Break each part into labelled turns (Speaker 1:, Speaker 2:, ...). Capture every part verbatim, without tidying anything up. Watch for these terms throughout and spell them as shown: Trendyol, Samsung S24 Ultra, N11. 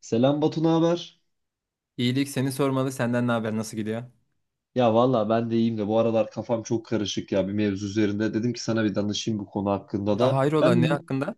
Speaker 1: Selam Batu, ne haber?
Speaker 2: İyilik seni sormalı. Senden ne haber? Nasıl gidiyor?
Speaker 1: Ya valla ben de iyiyim de bu aralar kafam çok karışık ya bir mevzu üzerinde. Dedim ki sana bir danışayım bu konu hakkında
Speaker 2: Aa,
Speaker 1: da.
Speaker 2: hayrola
Speaker 1: Ben
Speaker 2: ne
Speaker 1: bir-
Speaker 2: hakkında?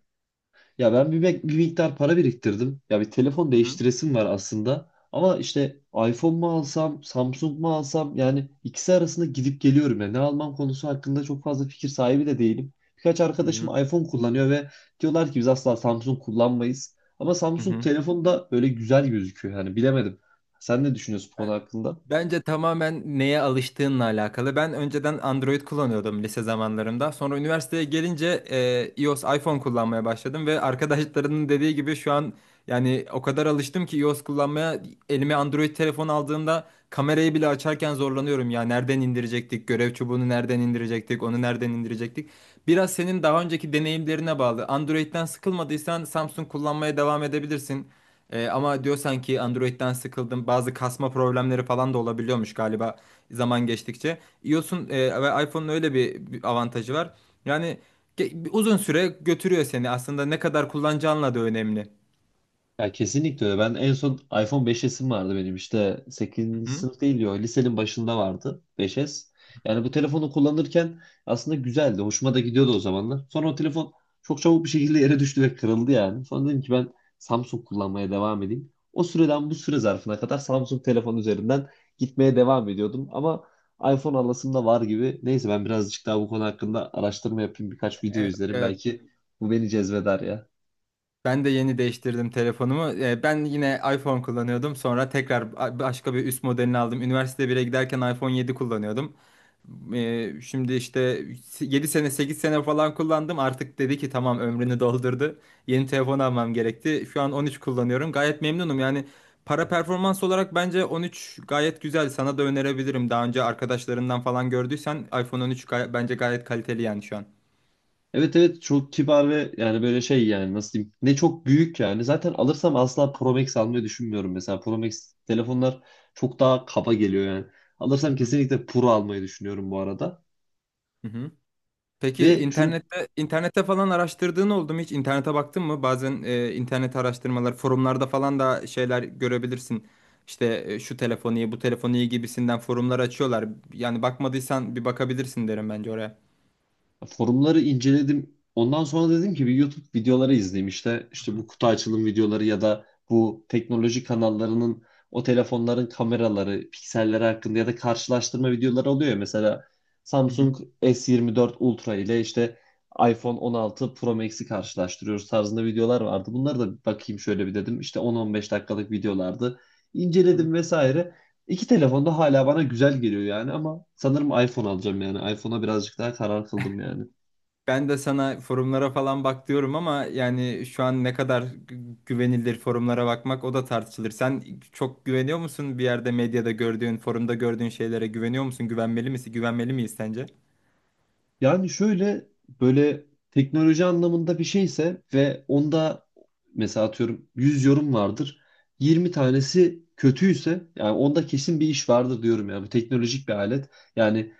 Speaker 1: ya ben bir, bek- bir miktar para biriktirdim. Ya bir telefon
Speaker 2: Hı hı.
Speaker 1: değiştiresim var aslında. Ama işte iPhone mu alsam, Samsung mu alsam, yani ikisi arasında gidip geliyorum ya. Ne almam konusu hakkında çok fazla fikir sahibi de değilim. Birkaç
Speaker 2: Hı
Speaker 1: arkadaşım
Speaker 2: hı.
Speaker 1: iPhone kullanıyor ve diyorlar ki biz asla Samsung kullanmayız. Ama
Speaker 2: Hı
Speaker 1: Samsung
Speaker 2: hı.
Speaker 1: telefonu da böyle güzel gözüküyor, yani bilemedim. Sen ne düşünüyorsun bu konu hakkında?
Speaker 2: Bence tamamen neye alıştığınla alakalı. Ben önceden Android kullanıyordum lise zamanlarımda. Sonra üniversiteye gelince e, iOS, iPhone kullanmaya başladım ve arkadaşlarının dediği gibi şu an yani o kadar alıştım ki iOS kullanmaya elime Android telefon aldığımda kamerayı bile açarken zorlanıyorum ya. Nereden indirecektik? Görev çubuğunu nereden indirecektik? Onu nereden indirecektik? Biraz senin daha önceki deneyimlerine bağlı. Android'den sıkılmadıysan Samsung kullanmaya devam edebilirsin. Ee, ama diyorsan ki Android'den sıkıldım. Bazı kasma problemleri falan da olabiliyormuş galiba zaman geçtikçe. iOS'un e, ve iPhone'un öyle bir, bir avantajı var. Yani ge- bir uzun süre götürüyor seni. Aslında ne kadar kullanacağınla da önemli.
Speaker 1: Ya, kesinlikle öyle. Ben en son iPhone beş S'im vardı benim, işte
Speaker 2: Hı
Speaker 1: sekizinci
Speaker 2: hı.
Speaker 1: sınıf değil diyor. Lisenin başında vardı beş S. Yani bu telefonu kullanırken aslında güzeldi. Hoşuma da gidiyordu o zamanlar. Sonra o telefon çok çabuk bir şekilde yere düştü ve kırıldı yani. Sonra dedim ki ben Samsung kullanmaya devam edeyim. O süreden bu süre zarfına kadar Samsung telefon üzerinden gitmeye devam ediyordum. Ama iPhone alasım da var gibi. Neyse, ben birazcık daha bu konu hakkında araştırma yapayım. Birkaç video
Speaker 2: E,
Speaker 1: izlerim.
Speaker 2: e,
Speaker 1: Belki bu beni cezbeder ya.
Speaker 2: ben de yeni değiştirdim telefonumu. E, ben yine iPhone kullanıyordum. Sonra tekrar ba- başka bir üst modelini aldım. Üniversite bire giderken iPhone yedi kullanıyordum. Ee, şimdi işte yedi sene sekiz sene falan kullandım. Artık dedi ki tamam ömrünü doldurdu. Yeni telefon almam gerekti. Şu an on üç kullanıyorum. Gayet memnunum. Yani para performans olarak bence on üç gayet güzel. Sana da önerebilirim. Daha önce arkadaşlarından falan gördüysen iPhone on üç gay- bence gayet kaliteli yani şu an.
Speaker 1: Evet, evet, çok kibar ve yani böyle şey, yani nasıl diyeyim, ne çok büyük yani. Zaten alırsam asla Pro Max almayı düşünmüyorum, mesela Pro Max telefonlar çok daha kaba geliyor yani. Alırsam
Speaker 2: Hı hı.
Speaker 1: kesinlikle Pro almayı düşünüyorum bu arada.
Speaker 2: Hı hı. Peki
Speaker 1: Ve şunu...
Speaker 2: internette internette falan araştırdığın oldu mu hiç? İnternete baktın mı? Bazen e, internet araştırmaları, forumlarda falan da şeyler görebilirsin. İşte e, şu telefon iyi, bu telefon iyi gibisinden forumlar açıyorlar. Yani bakmadıysan bir bakabilirsin derim bence oraya.
Speaker 1: Forumları inceledim. Ondan sonra dedim ki bir YouTube videoları izleyeyim işte.
Speaker 2: Hı
Speaker 1: İşte
Speaker 2: hı.
Speaker 1: bu kutu açılım videoları ya da bu teknoloji kanallarının o telefonların kameraları, pikselleri hakkında ya da karşılaştırma videoları oluyor ya. Mesela
Speaker 2: Hı hı,
Speaker 1: Samsung S yirmi dört Ultra ile işte iPhone on altı Pro Max'i karşılaştırıyoruz tarzında videolar vardı. Bunları da bakayım şöyle bir dedim. İşte on on beş dakikalık videolardı.
Speaker 2: hı.
Speaker 1: İnceledim vesaire. İki telefon da hala bana güzel geliyor yani, ama sanırım iPhone alacağım yani. iPhone'a birazcık daha karar kıldım yani.
Speaker 2: Ben de sana forumlara falan bak diyorum ama yani şu an ne kadar gü- güvenilir forumlara bakmak o da tartışılır. Sen çok güveniyor musun bir yerde medyada gördüğün, forumda gördüğün şeylere güveniyor musun? Güvenmeli misin? Güvenmeli miyiz sence?
Speaker 1: Yani şöyle, böyle teknoloji anlamında bir şeyse ve onda mesela atıyorum yüz yorum vardır. Yirmi tanesi kötüyse yani onda kesin bir iş vardır diyorum yani. Bu teknolojik bir alet. Yani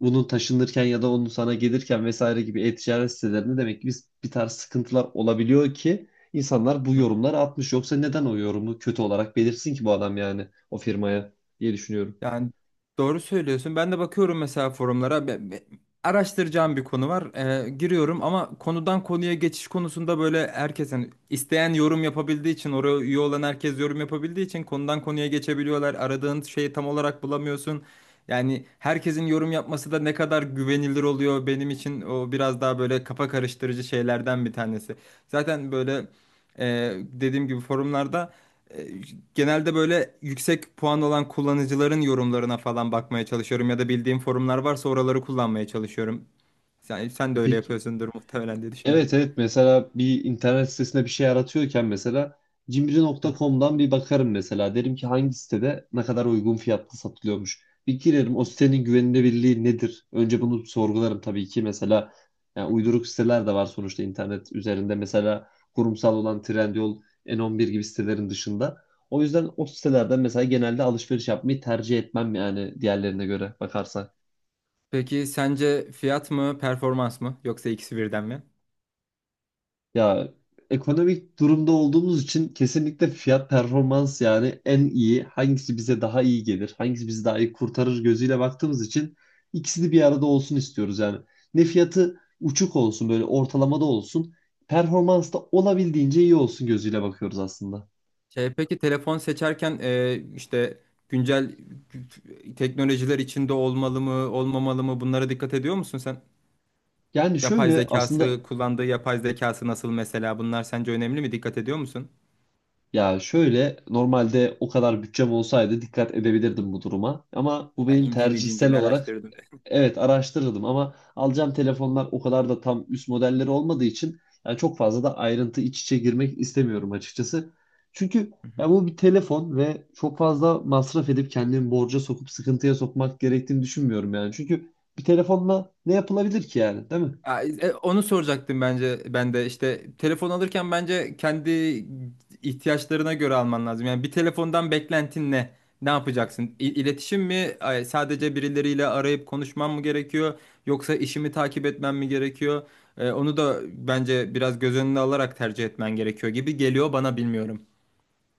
Speaker 1: bunun taşınırken ya da onun sana gelirken vesaire gibi e-ticaret sitelerinde demek ki biz bir tarz sıkıntılar olabiliyor ki insanlar bu yorumları atmış. Yoksa neden o yorumu kötü olarak belirsin ki bu adam, yani o firmaya, diye düşünüyorum.
Speaker 2: Yani doğru söylüyorsun. Ben de bakıyorum mesela forumlara. Be- be- Araştıracağım bir konu var. Ee, giriyorum ama konudan konuya geçiş konusunda böyle herkes hani isteyen yorum yapabildiği için oraya üye olan herkes yorum yapabildiği için konudan konuya geçebiliyorlar. Aradığın şeyi tam olarak bulamıyorsun. Yani herkesin yorum yapması da ne kadar güvenilir oluyor benim için o biraz daha böyle kafa karıştırıcı şeylerden bir tanesi. Zaten böyle e, dediğim gibi forumlarda E, genelde böyle yüksek puan olan kullanıcıların yorumlarına falan bakmaya çalışıyorum ya da bildiğim forumlar varsa oraları kullanmaya çalışıyorum. Sen, sen
Speaker 1: E
Speaker 2: de öyle
Speaker 1: peki.
Speaker 2: yapıyorsundur muhtemelen diye düşünüyorum.
Speaker 1: Evet, evet, mesela bir internet sitesinde bir şey aratıyorken mesela
Speaker 2: Hı
Speaker 1: cimri nokta com'dan bir bakarım mesela. Derim ki hangi sitede ne kadar uygun fiyatlı satılıyormuş. Bir girerim, o
Speaker 2: hı
Speaker 1: sitenin güvenilirliği nedir? Önce bunu sorgularım tabii ki mesela, yani
Speaker 2: hı hı.
Speaker 1: uyduruk siteler de var sonuçta internet üzerinde. Mesela kurumsal olan Trendyol, N on bir gibi sitelerin dışında. O yüzden o sitelerden mesela genelde alışveriş yapmayı tercih etmem yani, diğerlerine göre bakarsak.
Speaker 2: Peki sence fiyat mı, performans mı yoksa ikisi birden mi?
Speaker 1: Ya, ekonomik durumda olduğumuz için kesinlikle fiyat performans, yani en iyi hangisi bize daha iyi gelir, hangisi bizi daha iyi kurtarır gözüyle baktığımız için ikisini bir arada olsun istiyoruz yani. Ne fiyatı uçuk olsun, böyle ortalamada olsun, performans da olabildiğince iyi olsun gözüyle bakıyoruz aslında.
Speaker 2: Şey, peki telefon seçerken e, işte güncel teknolojiler içinde olmalı mı, olmamalı mı bunlara dikkat ediyor musun sen?
Speaker 1: Yani
Speaker 2: Yapay
Speaker 1: şöyle aslında,
Speaker 2: zekası, kullandığı yapay zekası nasıl mesela bunlar sence önemli mi? Dikkat ediyor musun?
Speaker 1: ya şöyle, normalde o kadar bütçem olsaydı dikkat edebilirdim bu duruma, ama bu
Speaker 2: Yani
Speaker 1: benim
Speaker 2: İnciğini
Speaker 1: tercihsel
Speaker 2: cinciğini
Speaker 1: olarak...
Speaker 2: araştırdım.
Speaker 1: Evet, araştırırdım, ama alacağım telefonlar o kadar da tam üst modelleri olmadığı için yani çok fazla da ayrıntı iç içe girmek istemiyorum açıkçası. Çünkü
Speaker 2: Hı hı.
Speaker 1: ya, bu bir telefon ve çok fazla masraf edip kendimi borca sokup sıkıntıya sokmak gerektiğini düşünmüyorum yani. Çünkü bir telefonla ne yapılabilir ki yani, değil mi?
Speaker 2: Ya, e, onu soracaktım bence ben de işte telefon alırken bence kendi ihtiyaçlarına göre alman lazım. Yani bir telefondan beklentin ne? Ne yapacaksın? İ- İletişim mi? Ay, sadece birileriyle arayıp konuşmam mı gerekiyor? Yoksa işimi takip etmem mi gerekiyor? E, onu da bence biraz göz önüne alarak tercih etmen gerekiyor gibi geliyor bana bilmiyorum.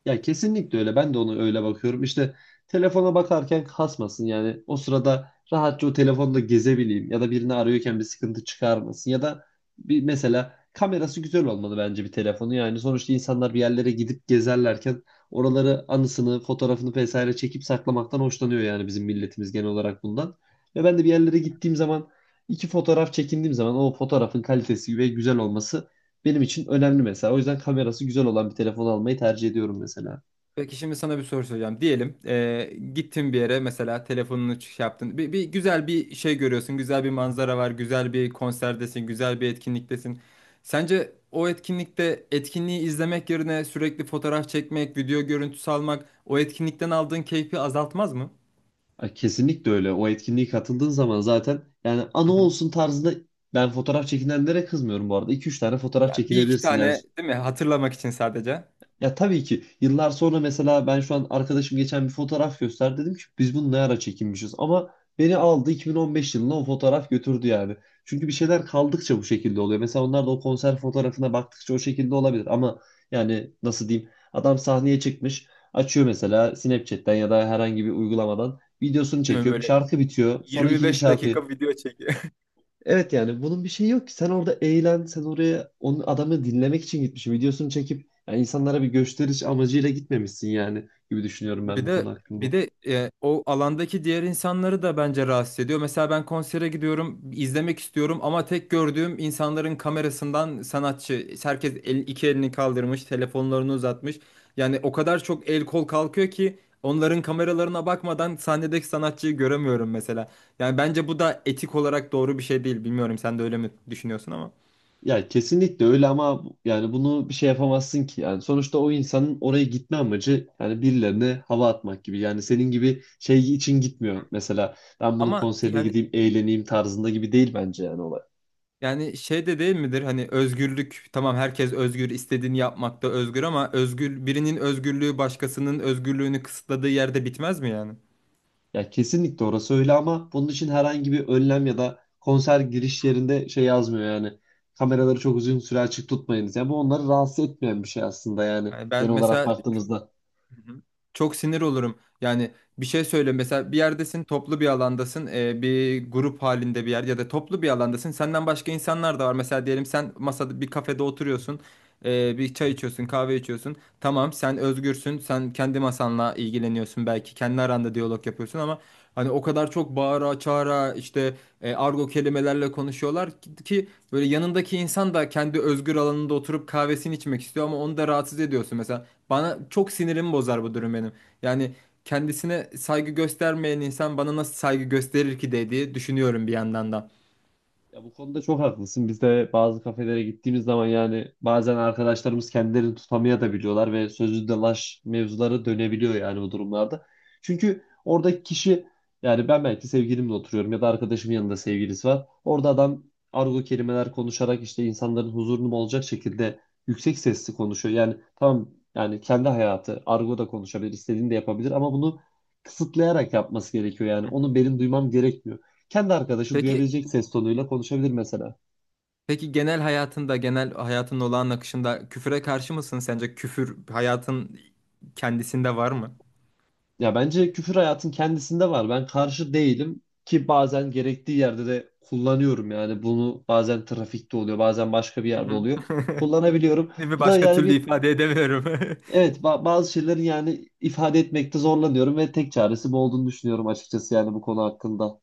Speaker 1: Ya kesinlikle öyle. Ben de onu öyle bakıyorum. İşte telefona bakarken kasmasın. Yani o sırada rahatça o telefonda gezebileyim ya da birini arıyorken bir sıkıntı çıkarmasın ya da bir, mesela kamerası güzel olmalı bence bir telefonu. Yani sonuçta insanlar bir yerlere gidip gezerlerken oraları anısını, fotoğrafını vesaire çekip saklamaktan hoşlanıyor, yani bizim milletimiz genel olarak bundan. Ve ben de bir yerlere gittiğim zaman iki fotoğraf çekindiğim zaman o fotoğrafın kalitesi ve güzel olması benim için önemli mesela. O yüzden kamerası güzel olan bir telefon almayı tercih ediyorum mesela.
Speaker 2: Peki şimdi sana bir soru soracağım. Diyelim eee gittin bir yere mesela telefonunu şey yaptın. Bir, bir güzel bir şey görüyorsun. Güzel bir manzara var. Güzel bir konserdesin. Güzel bir etkinliktesin. Sence o etkinlikte etkinliği izlemek yerine sürekli fotoğraf çekmek, video görüntüsü almak o etkinlikten aldığın keyfi azaltmaz mı?
Speaker 1: Ay, kesinlikle öyle. O etkinliğe katıldığın zaman zaten yani anı
Speaker 2: Hı hı.
Speaker 1: olsun tarzında ben fotoğraf çekinenlere kızmıyorum bu arada. iki üç tane fotoğraf
Speaker 2: Ya bir iki
Speaker 1: çekinebilirsin. Yani...
Speaker 2: tane değil mi? Hatırlamak için sadece.
Speaker 1: Ya tabii ki, yıllar sonra mesela ben şu an arkadaşım geçen bir fotoğraf gösterdi, dedim ki biz bunu ne ara çekinmişiz ama, beni aldı iki bin on beş yılına o fotoğraf götürdü yani. Çünkü bir şeyler kaldıkça bu şekilde oluyor. Mesela onlar da o konser fotoğrafına baktıkça o şekilde olabilir ama yani nasıl diyeyim, adam sahneye çıkmış, açıyor mesela Snapchat'ten ya da herhangi bir uygulamadan videosunu
Speaker 2: Değil mi,
Speaker 1: çekiyor,
Speaker 2: böyle
Speaker 1: şarkı bitiyor, sonra ikinci
Speaker 2: yirmi beş
Speaker 1: şarkı...
Speaker 2: dakika video çek.
Speaker 1: Evet yani bunun bir şeyi yok ki. Sen orada eğlen, sen oraya onun adamı dinlemek için gitmişsin. Videosunu çekip yani insanlara bir gösteriş amacıyla gitmemişsin yani, gibi düşünüyorum ben
Speaker 2: Bir
Speaker 1: bu
Speaker 2: de
Speaker 1: konu
Speaker 2: bir
Speaker 1: hakkında.
Speaker 2: de e, o alandaki diğer insanları da bence rahatsız ediyor. Mesela ben konsere gidiyorum, izlemek istiyorum ama tek gördüğüm insanların kamerasından sanatçı. Herkes el, iki elini kaldırmış, telefonlarını uzatmış. Yani o kadar çok el kol kalkıyor ki onların kameralarına bakmadan sahnedeki sanatçıyı göremiyorum mesela. Yani bence bu da etik olarak doğru bir şey değil. Bilmiyorum sen de öyle mi düşünüyorsun ama.
Speaker 1: Ya kesinlikle öyle ama, bu- yani bunu bir şey yapamazsın ki. Yani sonuçta o insanın oraya gitme amacı yani birilerine hava atmak gibi. Yani senin gibi şey için gitmiyor. Mesela ben bunun
Speaker 2: Ama
Speaker 1: konserine
Speaker 2: yani
Speaker 1: gideyim, eğleneyim tarzında gibi değil bence yani olay.
Speaker 2: yani şey de değil midir, hani özgürlük tamam, herkes özgür, istediğini yapmakta özgür ama özgür birinin özgürlüğü başkasının özgürlüğünü kısıtladığı yerde bitmez mi yani?
Speaker 1: Ya kesinlikle orası öyle, ama bunun için herhangi bir önlem ya da konser giriş yerinde şey yazmıyor yani. Kameraları çok uzun süre açık tutmayınız. Yani bu onları rahatsız etmeyen bir şey aslında, yani
Speaker 2: Yani ben
Speaker 1: genel olarak
Speaker 2: mesela çok,
Speaker 1: baktığımızda.
Speaker 2: hı hı, çok sinir olurum yani bir şey söyle mesela bir yerdesin toplu bir alandasın, e, bir grup halinde bir yer ya da toplu bir alandasın, senden başka insanlar da var, mesela diyelim sen masada bir kafede oturuyorsun, e, bir çay içiyorsun kahve içiyorsun. Tamam sen özgürsün. Sen kendi masanla ilgileniyorsun belki. Kendi aranda diyalog yapıyorsun ama hani o kadar çok bağıra çağıra işte e, argo kelimelerle konuşuyorlar ki, ki böyle yanındaki insan da kendi özgür alanında oturup kahvesini içmek istiyor ama onu da rahatsız ediyorsun. Mesela bana çok sinirimi bozar bu durum benim. Yani kendisine saygı göstermeyen insan bana nasıl saygı gösterir ki dediği düşünüyorum bir yandan da.
Speaker 1: Ya bu konuda çok haklısın. Biz de bazı kafelere gittiğimiz zaman yani bazen arkadaşlarımız kendilerini tutamaya da biliyorlar ve sözlü dalaş mevzuları dönebiliyor yani bu durumlarda. Çünkü oradaki kişi, yani ben belki sevgilimle oturuyorum ya da arkadaşımın yanında sevgilisi var. Orada adam argo kelimeler konuşarak işte insanların huzurunu bozacak şekilde yüksek sesli konuşuyor. Yani tamam, yani kendi hayatı, argo da konuşabilir, istediğini de yapabilir ama bunu kısıtlayarak yapması gerekiyor yani. Onu benim duymam gerekmiyor, kendi arkadaşı
Speaker 2: Peki
Speaker 1: duyabilecek ses tonuyla konuşabilir mesela.
Speaker 2: Peki genel hayatında, genel hayatın olağan akışında küfüre karşı mısın sence? Küfür hayatın kendisinde var mı?
Speaker 1: Ya bence küfür hayatın kendisinde var. Ben karşı değilim ki, bazen gerektiği yerde de kullanıyorum yani bunu, bazen trafikte oluyor, bazen başka bir
Speaker 2: Hı
Speaker 1: yerde
Speaker 2: hı.
Speaker 1: oluyor. Kullanabiliyorum.
Speaker 2: Bir
Speaker 1: Bu da
Speaker 2: başka
Speaker 1: yani
Speaker 2: türlü
Speaker 1: bir
Speaker 2: ifade edemiyorum.
Speaker 1: evet, ba- bazı şeylerin yani ifade etmekte zorlanıyorum ve tek çaresi bu olduğunu düşünüyorum açıkçası yani bu konu hakkında.